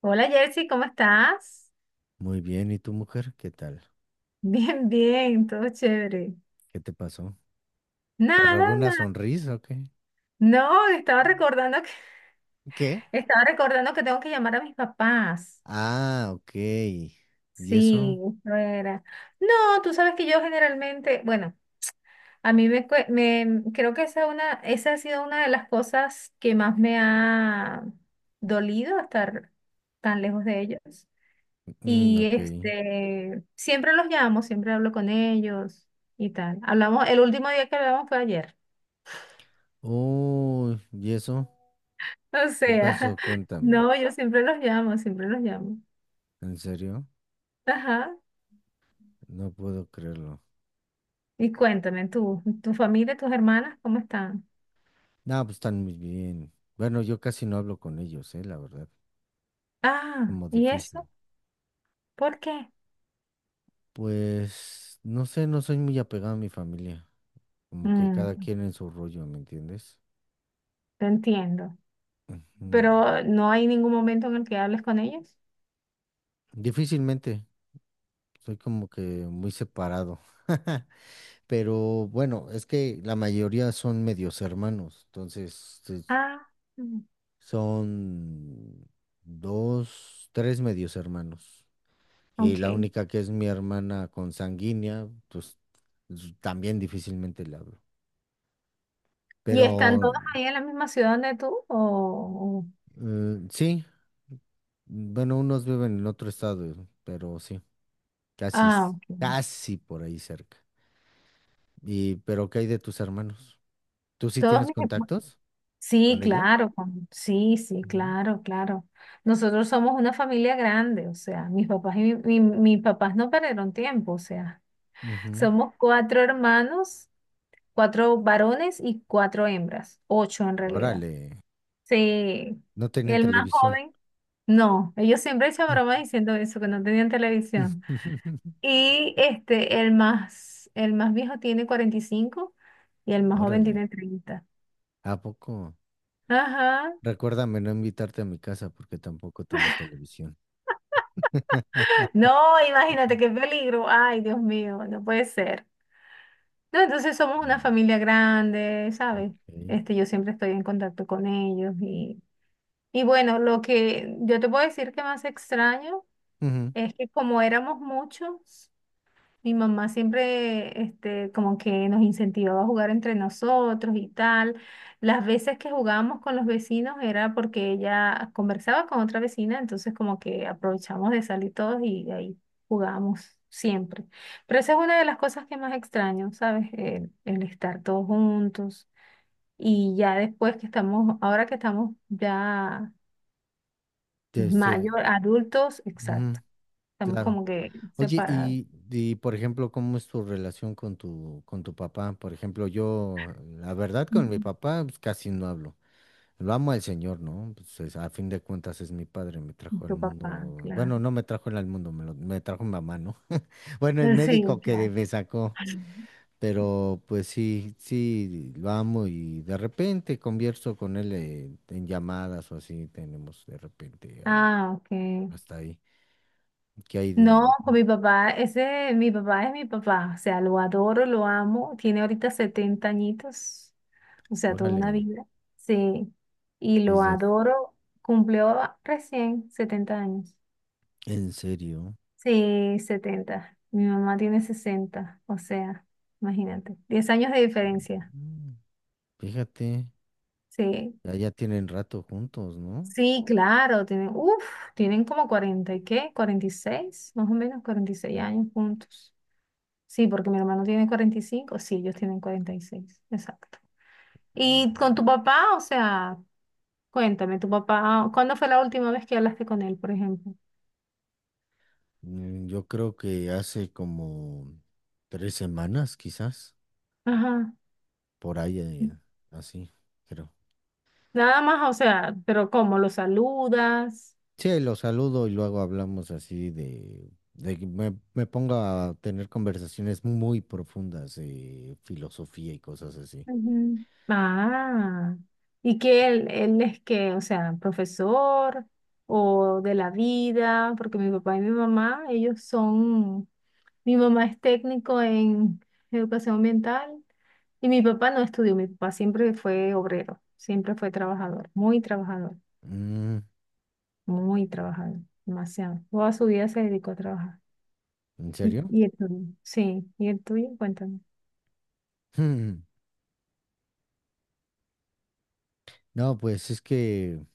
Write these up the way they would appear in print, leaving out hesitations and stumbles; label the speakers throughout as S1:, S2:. S1: Hola Jersey, ¿cómo estás?
S2: Muy bien, ¿y tu mujer? ¿Qué tal?
S1: Bien, bien, todo chévere.
S2: ¿Qué te pasó? ¿Te
S1: Nada,
S2: robé una
S1: nada.
S2: sonrisa o qué?
S1: No, estaba recordando que
S2: ¿Qué?
S1: estaba recordando que tengo que llamar a mis papás.
S2: Ah, ok. ¿Y eso?
S1: Sí, eso era. No, tú sabes que yo generalmente, bueno, a mí me creo que esa ha sido una de las cosas que más me ha dolido estar tan lejos de ellos.
S2: Mm,
S1: Y
S2: ok.
S1: siempre los llamo, siempre hablo con ellos y tal. Hablamos, el último día que hablamos fue ayer.
S2: Uy, ¿y eso?
S1: O
S2: ¿Qué pasó?
S1: sea,
S2: Cuéntame.
S1: no, yo siempre los llamo, siempre los llamo.
S2: ¿En serio?
S1: Ajá.
S2: No puedo creerlo.
S1: Y cuéntame, tú, tu familia, tus hermanas, ¿cómo están?
S2: No, pues están muy bien. Bueno, yo casi no hablo con ellos, la verdad.
S1: Ah,
S2: Como
S1: ¿y
S2: difícil.
S1: eso? ¿Por qué?
S2: Pues, no sé, no soy muy apegado a mi familia. Como que cada
S1: Mm,
S2: quien en su rollo, ¿me entiendes?
S1: Te entiendo.
S2: Ujú.
S1: Pero no hay ningún momento en el que hables con ellos.
S2: Difícilmente. Soy como que muy separado. Pero bueno, es que la mayoría son medios hermanos. Entonces, sí,
S1: Ah, mm,
S2: son dos, tres medios hermanos. Y la
S1: ok.
S2: única que es mi hermana consanguínea, pues también difícilmente le hablo.
S1: ¿Y
S2: Pero
S1: están todos ahí en la misma ciudad donde tú?
S2: sí, bueno, unos viven en otro estado, pero sí, casi,
S1: Ah, ok.
S2: casi por ahí cerca. Y, pero ¿qué hay de tus hermanos? ¿Tú sí
S1: Todos
S2: tienes
S1: mis...
S2: contactos?
S1: Sí,
S2: Con ello.
S1: claro, sí, sí,
S2: Ujú.
S1: claro, claro. Nosotros somos una familia grande, o sea, mis papás y mis papás no perdieron tiempo, o sea,
S2: Ujú.
S1: somos cuatro hermanos, cuatro varones y cuatro hembras, ocho en realidad.
S2: Órale,
S1: Sí,
S2: no tenían
S1: el más
S2: televisión.
S1: joven, no, ellos siempre echan bromas diciendo eso, que no tenían televisión. Y el más viejo tiene 45 y el más joven
S2: Órale,
S1: tiene 30.
S2: ¿a poco?
S1: Ajá.
S2: Recuérdame no invitarte a mi casa porque tampoco tengo televisión.
S1: No, imagínate qué peligro. Ay, Dios mío, no puede ser. No, entonces somos una
S2: Mm,
S1: familia grande, ¿sabes?
S2: ok.
S1: Yo siempre estoy en contacto con ellos y bueno, lo que yo te puedo decir que más extraño
S2: Ujú,
S1: es que como éramos muchos, mi mamá siempre, como que nos incentivaba a jugar entre nosotros y tal. Las veces que jugábamos con los vecinos era porque ella conversaba con otra vecina, entonces como que aprovechamos de salir todos y ahí jugábamos siempre. Pero esa es una de las cosas que más extraño, ¿sabes? El estar todos juntos. Y ya después que estamos, ahora que estamos ya
S2: de Este,
S1: mayor, adultos,
S2: ujú,
S1: exacto. Estamos
S2: claro.
S1: como que
S2: Oye,
S1: separados.
S2: y, por ejemplo, ¿cómo es tu relación con tu papá? Por ejemplo, yo, la verdad, con mi
S1: Ujú.
S2: papá pues, casi no hablo. Lo amo al Señor, ¿no? Pues, a fin de cuentas es mi padre, me
S1: Y
S2: trajo al
S1: tu papá,
S2: mundo.
S1: claro.
S2: Bueno, no me trajo él al mundo, me trajo mi mamá, ¿no? Bueno, el
S1: Sí,
S2: médico que
S1: claro.
S2: me sacó, pero pues sí, sí, lo amo y de repente converso con él en llamadas o así, tenemos de repente ahí,
S1: Ah, ok.
S2: hasta ahí. ¿Qué hay de,
S1: No,
S2: de ti?
S1: con mi papá, ese, mi papá es mi papá, o sea, lo adoro, lo amo, tiene ahorita 70 añitos, o sea, toda
S2: Órale,
S1: una vida, sí, y lo
S2: dice,
S1: adoro, cumplió recién 70 años,
S2: ¿en serio?
S1: sí, 70. Mi mamá tiene 60, o sea, imagínate, 10 años de diferencia,
S2: Mm, fíjate,
S1: sí,
S2: ya, ya tienen rato juntos, ¿no?
S1: sí, claro, tienen como 40 y qué, 46, más o menos 46 años juntos. Sí, porque mi hermano tiene 45, sí, ellos tienen 46, exacto. ¿Y con tu papá? O sea, cuéntame, tu papá, ¿cuándo fue la última vez que hablaste con él, por ejemplo?
S2: Mm, yo creo que hace como 3 semanas, quizás,
S1: Ajá.
S2: por ahí, así, creo.
S1: Nada más, o sea, pero ¿cómo lo saludas?
S2: Sí, lo saludo y luego hablamos así de que me pongo a tener conversaciones muy profundas de filosofía y cosas así.
S1: Ujú. Ah, y que él es que, o sea, profesor o de la vida, porque mi papá y mi mamá, ellos son. Mi mamá es técnico en educación ambiental y mi papá no estudió. Mi papá siempre fue obrero, siempre fue trabajador, muy trabajador,
S2: Mm,
S1: muy trabajador, demasiado. Toda su vida se dedicó a trabajar.
S2: ¿en
S1: ¿Y,
S2: serio?
S1: y el tuyo? Sí, ¿y el tuyo? Cuéntame.
S2: Hmm, no, pues es que,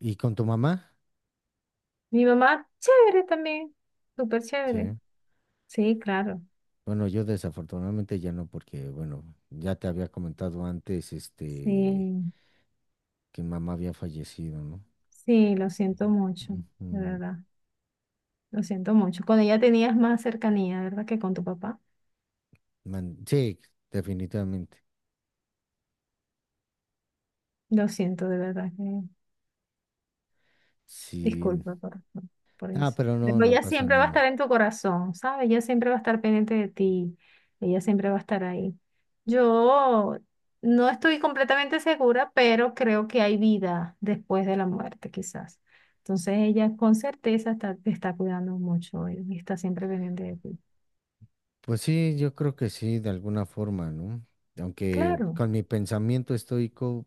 S2: ¿y con tu mamá?
S1: Mi mamá, chévere también, súper chévere.
S2: Sí.
S1: Sí, claro.
S2: Bueno, yo desafortunadamente ya no, porque, bueno, ya te había comentado antes,
S1: Sí,
S2: que mamá había fallecido, ¿no?
S1: sí, lo siento mucho, de
S2: Ujú.
S1: verdad. Lo siento mucho. Con ella tenías más cercanía, ¿verdad? Que con tu papá.
S2: Sí, definitivamente.
S1: Lo siento, de verdad. Que
S2: Sí.
S1: Disculpa por
S2: Ah,
S1: eso.
S2: pero no,
S1: Pero
S2: no
S1: ella
S2: pasa
S1: siempre va a
S2: nada.
S1: estar en tu corazón, ¿sabes? Ella siempre va a estar pendiente de ti. Ella siempre va a estar ahí. Yo no estoy completamente segura, pero creo que hay vida después de la muerte, quizás. Entonces ella con certeza te está cuidando mucho y está siempre pendiente de ti.
S2: Pues sí, yo creo que sí, de alguna forma, ¿no? Aunque
S1: Claro.
S2: con mi pensamiento estoico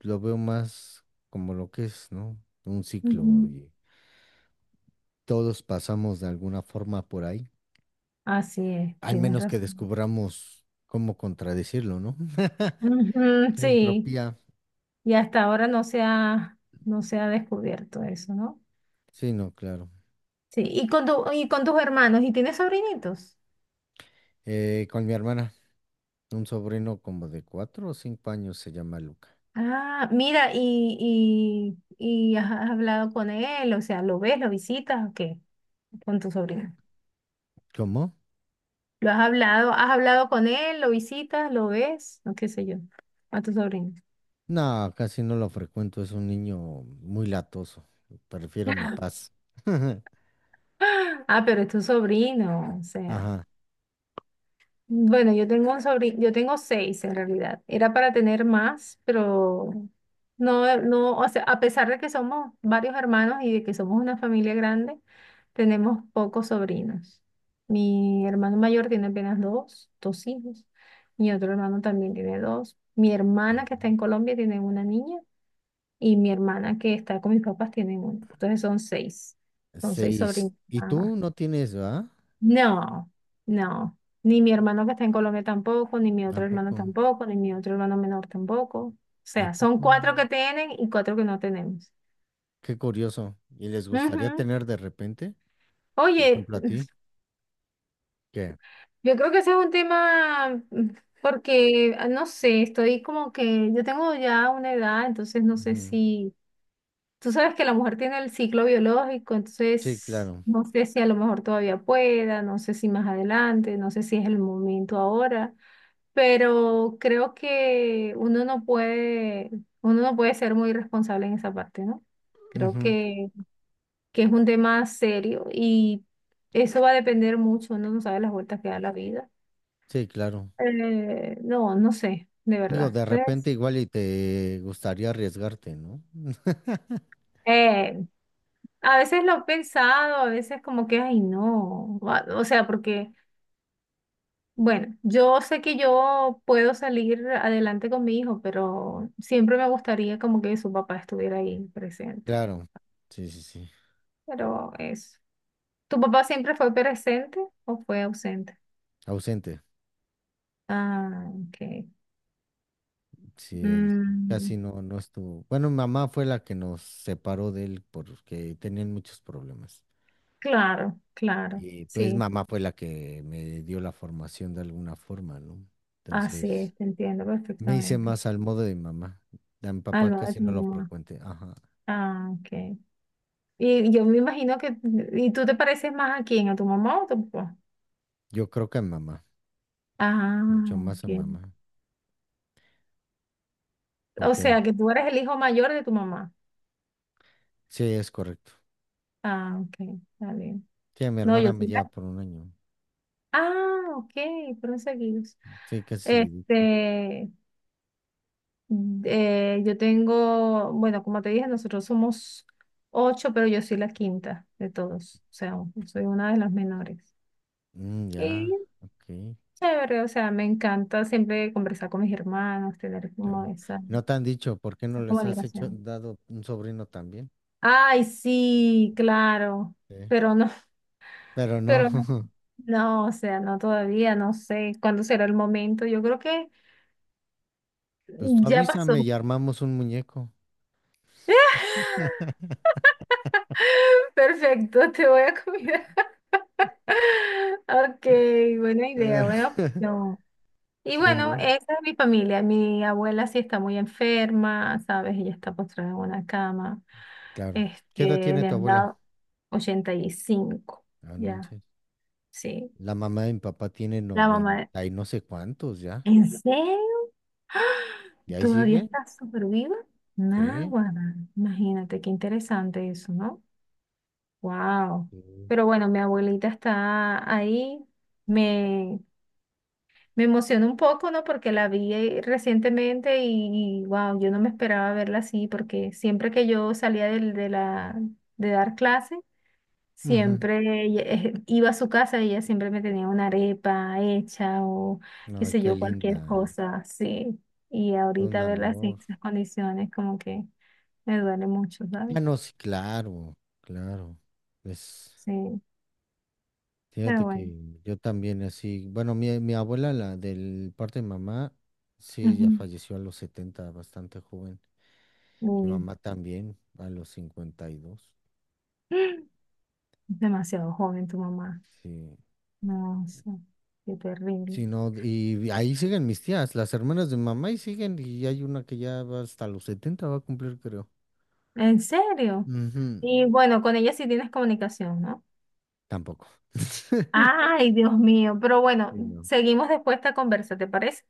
S2: lo veo más como lo que es, ¿no? Un ciclo
S1: Ujú.
S2: y todos pasamos de alguna forma por ahí,
S1: Así es,
S2: al
S1: tienes
S2: menos que
S1: razón.
S2: descubramos cómo contradecirlo, ¿no?
S1: Ujú,
S2: La
S1: sí,
S2: entropía.
S1: y hasta ahora no se ha descubierto eso, ¿no?
S2: Sí, no, claro.
S1: Sí, y con tus hermanos, ¿y tienes sobrinitos?
S2: Con mi hermana, un sobrino como de 4 o 5 años se llama Luca.
S1: Ah, mira, y has hablado con él, o sea, ¿lo ves, lo visitas o qué? Con tu sobrino.
S2: ¿Cómo?
S1: ¿Lo has hablado? ¿Has hablado con él? ¿Lo visitas? ¿Lo ves? O qué sé yo, a tu sobrino.
S2: No, casi no lo frecuento, es un niño muy latoso. Prefiero mi paz.
S1: Ah, pero es tu sobrino, o sea.
S2: Ajá.
S1: Bueno, yo tengo un sobrino, yo tengo seis en realidad. Era para tener más, pero no, no, o sea, a pesar de que somos varios hermanos y de que somos una familia grande, tenemos pocos sobrinos. Mi hermano mayor tiene apenas dos hijos. Mi otro hermano también tiene dos. Mi hermana que
S2: Ujú.
S1: está en Colombia tiene una niña y mi hermana que está con mis papás tiene una. Entonces son seis
S2: Seis.
S1: sobrinos
S2: ¿Y
S1: nada más.
S2: tú no tienes, va?
S1: No, no. Ni mi hermano que está en Colombia tampoco, ni mi
S2: ¿A
S1: otro hermano
S2: poco?
S1: tampoco, ni mi otro hermano menor tampoco. O
S2: ¿A
S1: sea, son
S2: poco?
S1: cuatro que tienen y cuatro que no tenemos.
S2: Qué curioso. ¿Y les gustaría
S1: Ujú.
S2: tener de repente? Por
S1: Oye,
S2: ejemplo, a ti. ¿Qué?
S1: yo creo que ese es un tema, porque, no sé, estoy como que yo tengo ya una edad, entonces no sé
S2: Ujú.
S1: si, tú sabes que la mujer tiene el ciclo biológico,
S2: Sí,
S1: entonces
S2: claro.
S1: no sé si a lo mejor todavía pueda, no sé si más adelante, no sé si es el momento ahora. Pero creo que uno no puede ser muy responsable en esa parte, ¿no? Creo
S2: Ujú.
S1: que es un tema serio y eso va a depender mucho, uno no sabe las vueltas que da la vida.
S2: Sí, claro.
S1: No, no sé, de
S2: Digo,
S1: verdad.
S2: de repente
S1: Entonces,
S2: igual y te gustaría arriesgarte, ¿no?
S1: eh, a veces lo he pensado, a veces como que, ay, no, o sea, porque, bueno, yo sé que yo puedo salir adelante con mi hijo, pero siempre me gustaría como que su papá estuviera ahí presente.
S2: Claro. Sí, sí, sí.
S1: Pero eso. ¿Tu papá siempre fue presente o fue ausente?
S2: Ausente.
S1: Ah, ok.
S2: Sí, él
S1: Mm,
S2: casi no, no estuvo. Bueno, mi mamá fue la que nos separó de él porque tenían muchos problemas.
S1: claro, claro.
S2: Y pues
S1: Sí,
S2: mamá fue la que me dio la formación de alguna forma, ¿no?
S1: así
S2: Entonces,
S1: es, te entiendo
S2: me hice
S1: perfectamente.
S2: más al modo de mi mamá. A mi
S1: Al
S2: papá
S1: lado de
S2: casi
S1: tu
S2: no lo
S1: mamá.
S2: frecuente. Ajá.
S1: Ah, ok. Y yo me imagino que. ¿Y tú te pareces más a quién? ¿A tu mamá o a tu papá?
S2: Yo creo que a mi mamá,
S1: Ah,
S2: mucho más a
S1: ok.
S2: mi mamá,
S1: O
S2: porque
S1: sea, que tú eres el hijo mayor de tu mamá.
S2: sí, es correcto.
S1: Ah, ok. Está bien.
S2: Sí, a mi
S1: No,
S2: hermana
S1: yo
S2: me
S1: sí.
S2: lleva por un año.
S1: Ah, ok. Fueron seguidos.
S2: Sí, casi, seguidito.
S1: Este. Yo tengo, bueno, como te dije, nosotros somos ocho, pero yo soy la quinta de todos, o sea, soy una de las menores.
S2: Mm, ya,
S1: Y
S2: ok,
S1: chévere, o sea, me encanta siempre conversar con mis hermanos, tener como
S2: claro.
S1: esa,
S2: ¿No te han dicho por qué no
S1: esa
S2: les has hecho
S1: comunicación.
S2: dado un sobrino también?
S1: Ay, sí, claro,
S2: Sí.
S1: pero no,
S2: Pero no,
S1: pero no, no, o sea, no todavía, no sé cuándo será el momento. Yo creo que
S2: pues tú
S1: ya pasó.
S2: avísame y armamos un muñeco.
S1: Perfecto, te voy a cuidar. Ok, buena
S2: Ah,
S1: idea, buena opción. Y
S2: Sí,
S1: bueno,
S2: ¿no?
S1: esa es mi familia. Mi abuela sí está muy enferma, ¿sabes? Ella está postrada en una cama.
S2: Claro. ¿Qué edad tiene
S1: Le
S2: tu
S1: han
S2: abuela?
S1: dado 85.
S2: Ah, no
S1: Ya,
S2: manches.
S1: sí.
S2: La mamá de mi papá tiene
S1: La mamá,
S2: 90 y no sé cuántos ya.
S1: ¿en serio?
S2: ¿Y ahí
S1: ¿Todavía
S2: sigue?
S1: está súper viva?
S2: Sí.
S1: Náguara, imagínate, qué interesante eso, ¿no? Wow.
S2: Sí.
S1: Pero bueno, mi abuelita está ahí. Me, Me emocionó un poco, ¿no? Porque la vi recientemente y, wow, yo no me esperaba verla así, porque siempre que yo salía de dar clase,
S2: Ujú.
S1: siempre iba a su casa y ella siempre me tenía una arepa hecha o qué
S2: No,
S1: sé
S2: qué
S1: yo, cualquier
S2: linda.
S1: cosa, sí. Y
S2: Un
S1: ahorita verla así, en
S2: amor.
S1: esas condiciones, como que me duele mucho, ¿sabes?
S2: Ah, no, sí, claro, claro. Pues,
S1: Sí, pero
S2: fíjate que
S1: bueno.
S2: yo también así. Bueno, mi abuela, la del parte de mamá, sí, ya
S1: Ujú,
S2: falleció a los 70, bastante joven. Mi
S1: uy,
S2: mamá también, a los 52.
S1: demasiado joven tu mamá.
S2: Sí.
S1: No sé, qué terrible.
S2: Sí, no, y ahí siguen mis tías, las hermanas de mamá y siguen, y hay una que ya va hasta los 70 va a cumplir, creo.
S1: ¿En serio?
S2: Ujú.
S1: Y bueno, con ella sí tienes comunicación, ¿no?
S2: Tampoco.
S1: Ay, Dios mío, pero bueno,
S2: Sí, no.
S1: seguimos después esta conversa, ¿te parece?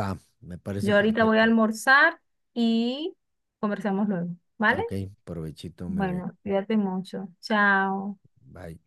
S2: Va, me parece
S1: Yo ahorita voy a
S2: perfecto.
S1: almorzar y conversamos luego, ¿vale?
S2: Ok, provechito, Mary.
S1: Bueno, cuídate mucho. Chao.
S2: Bye.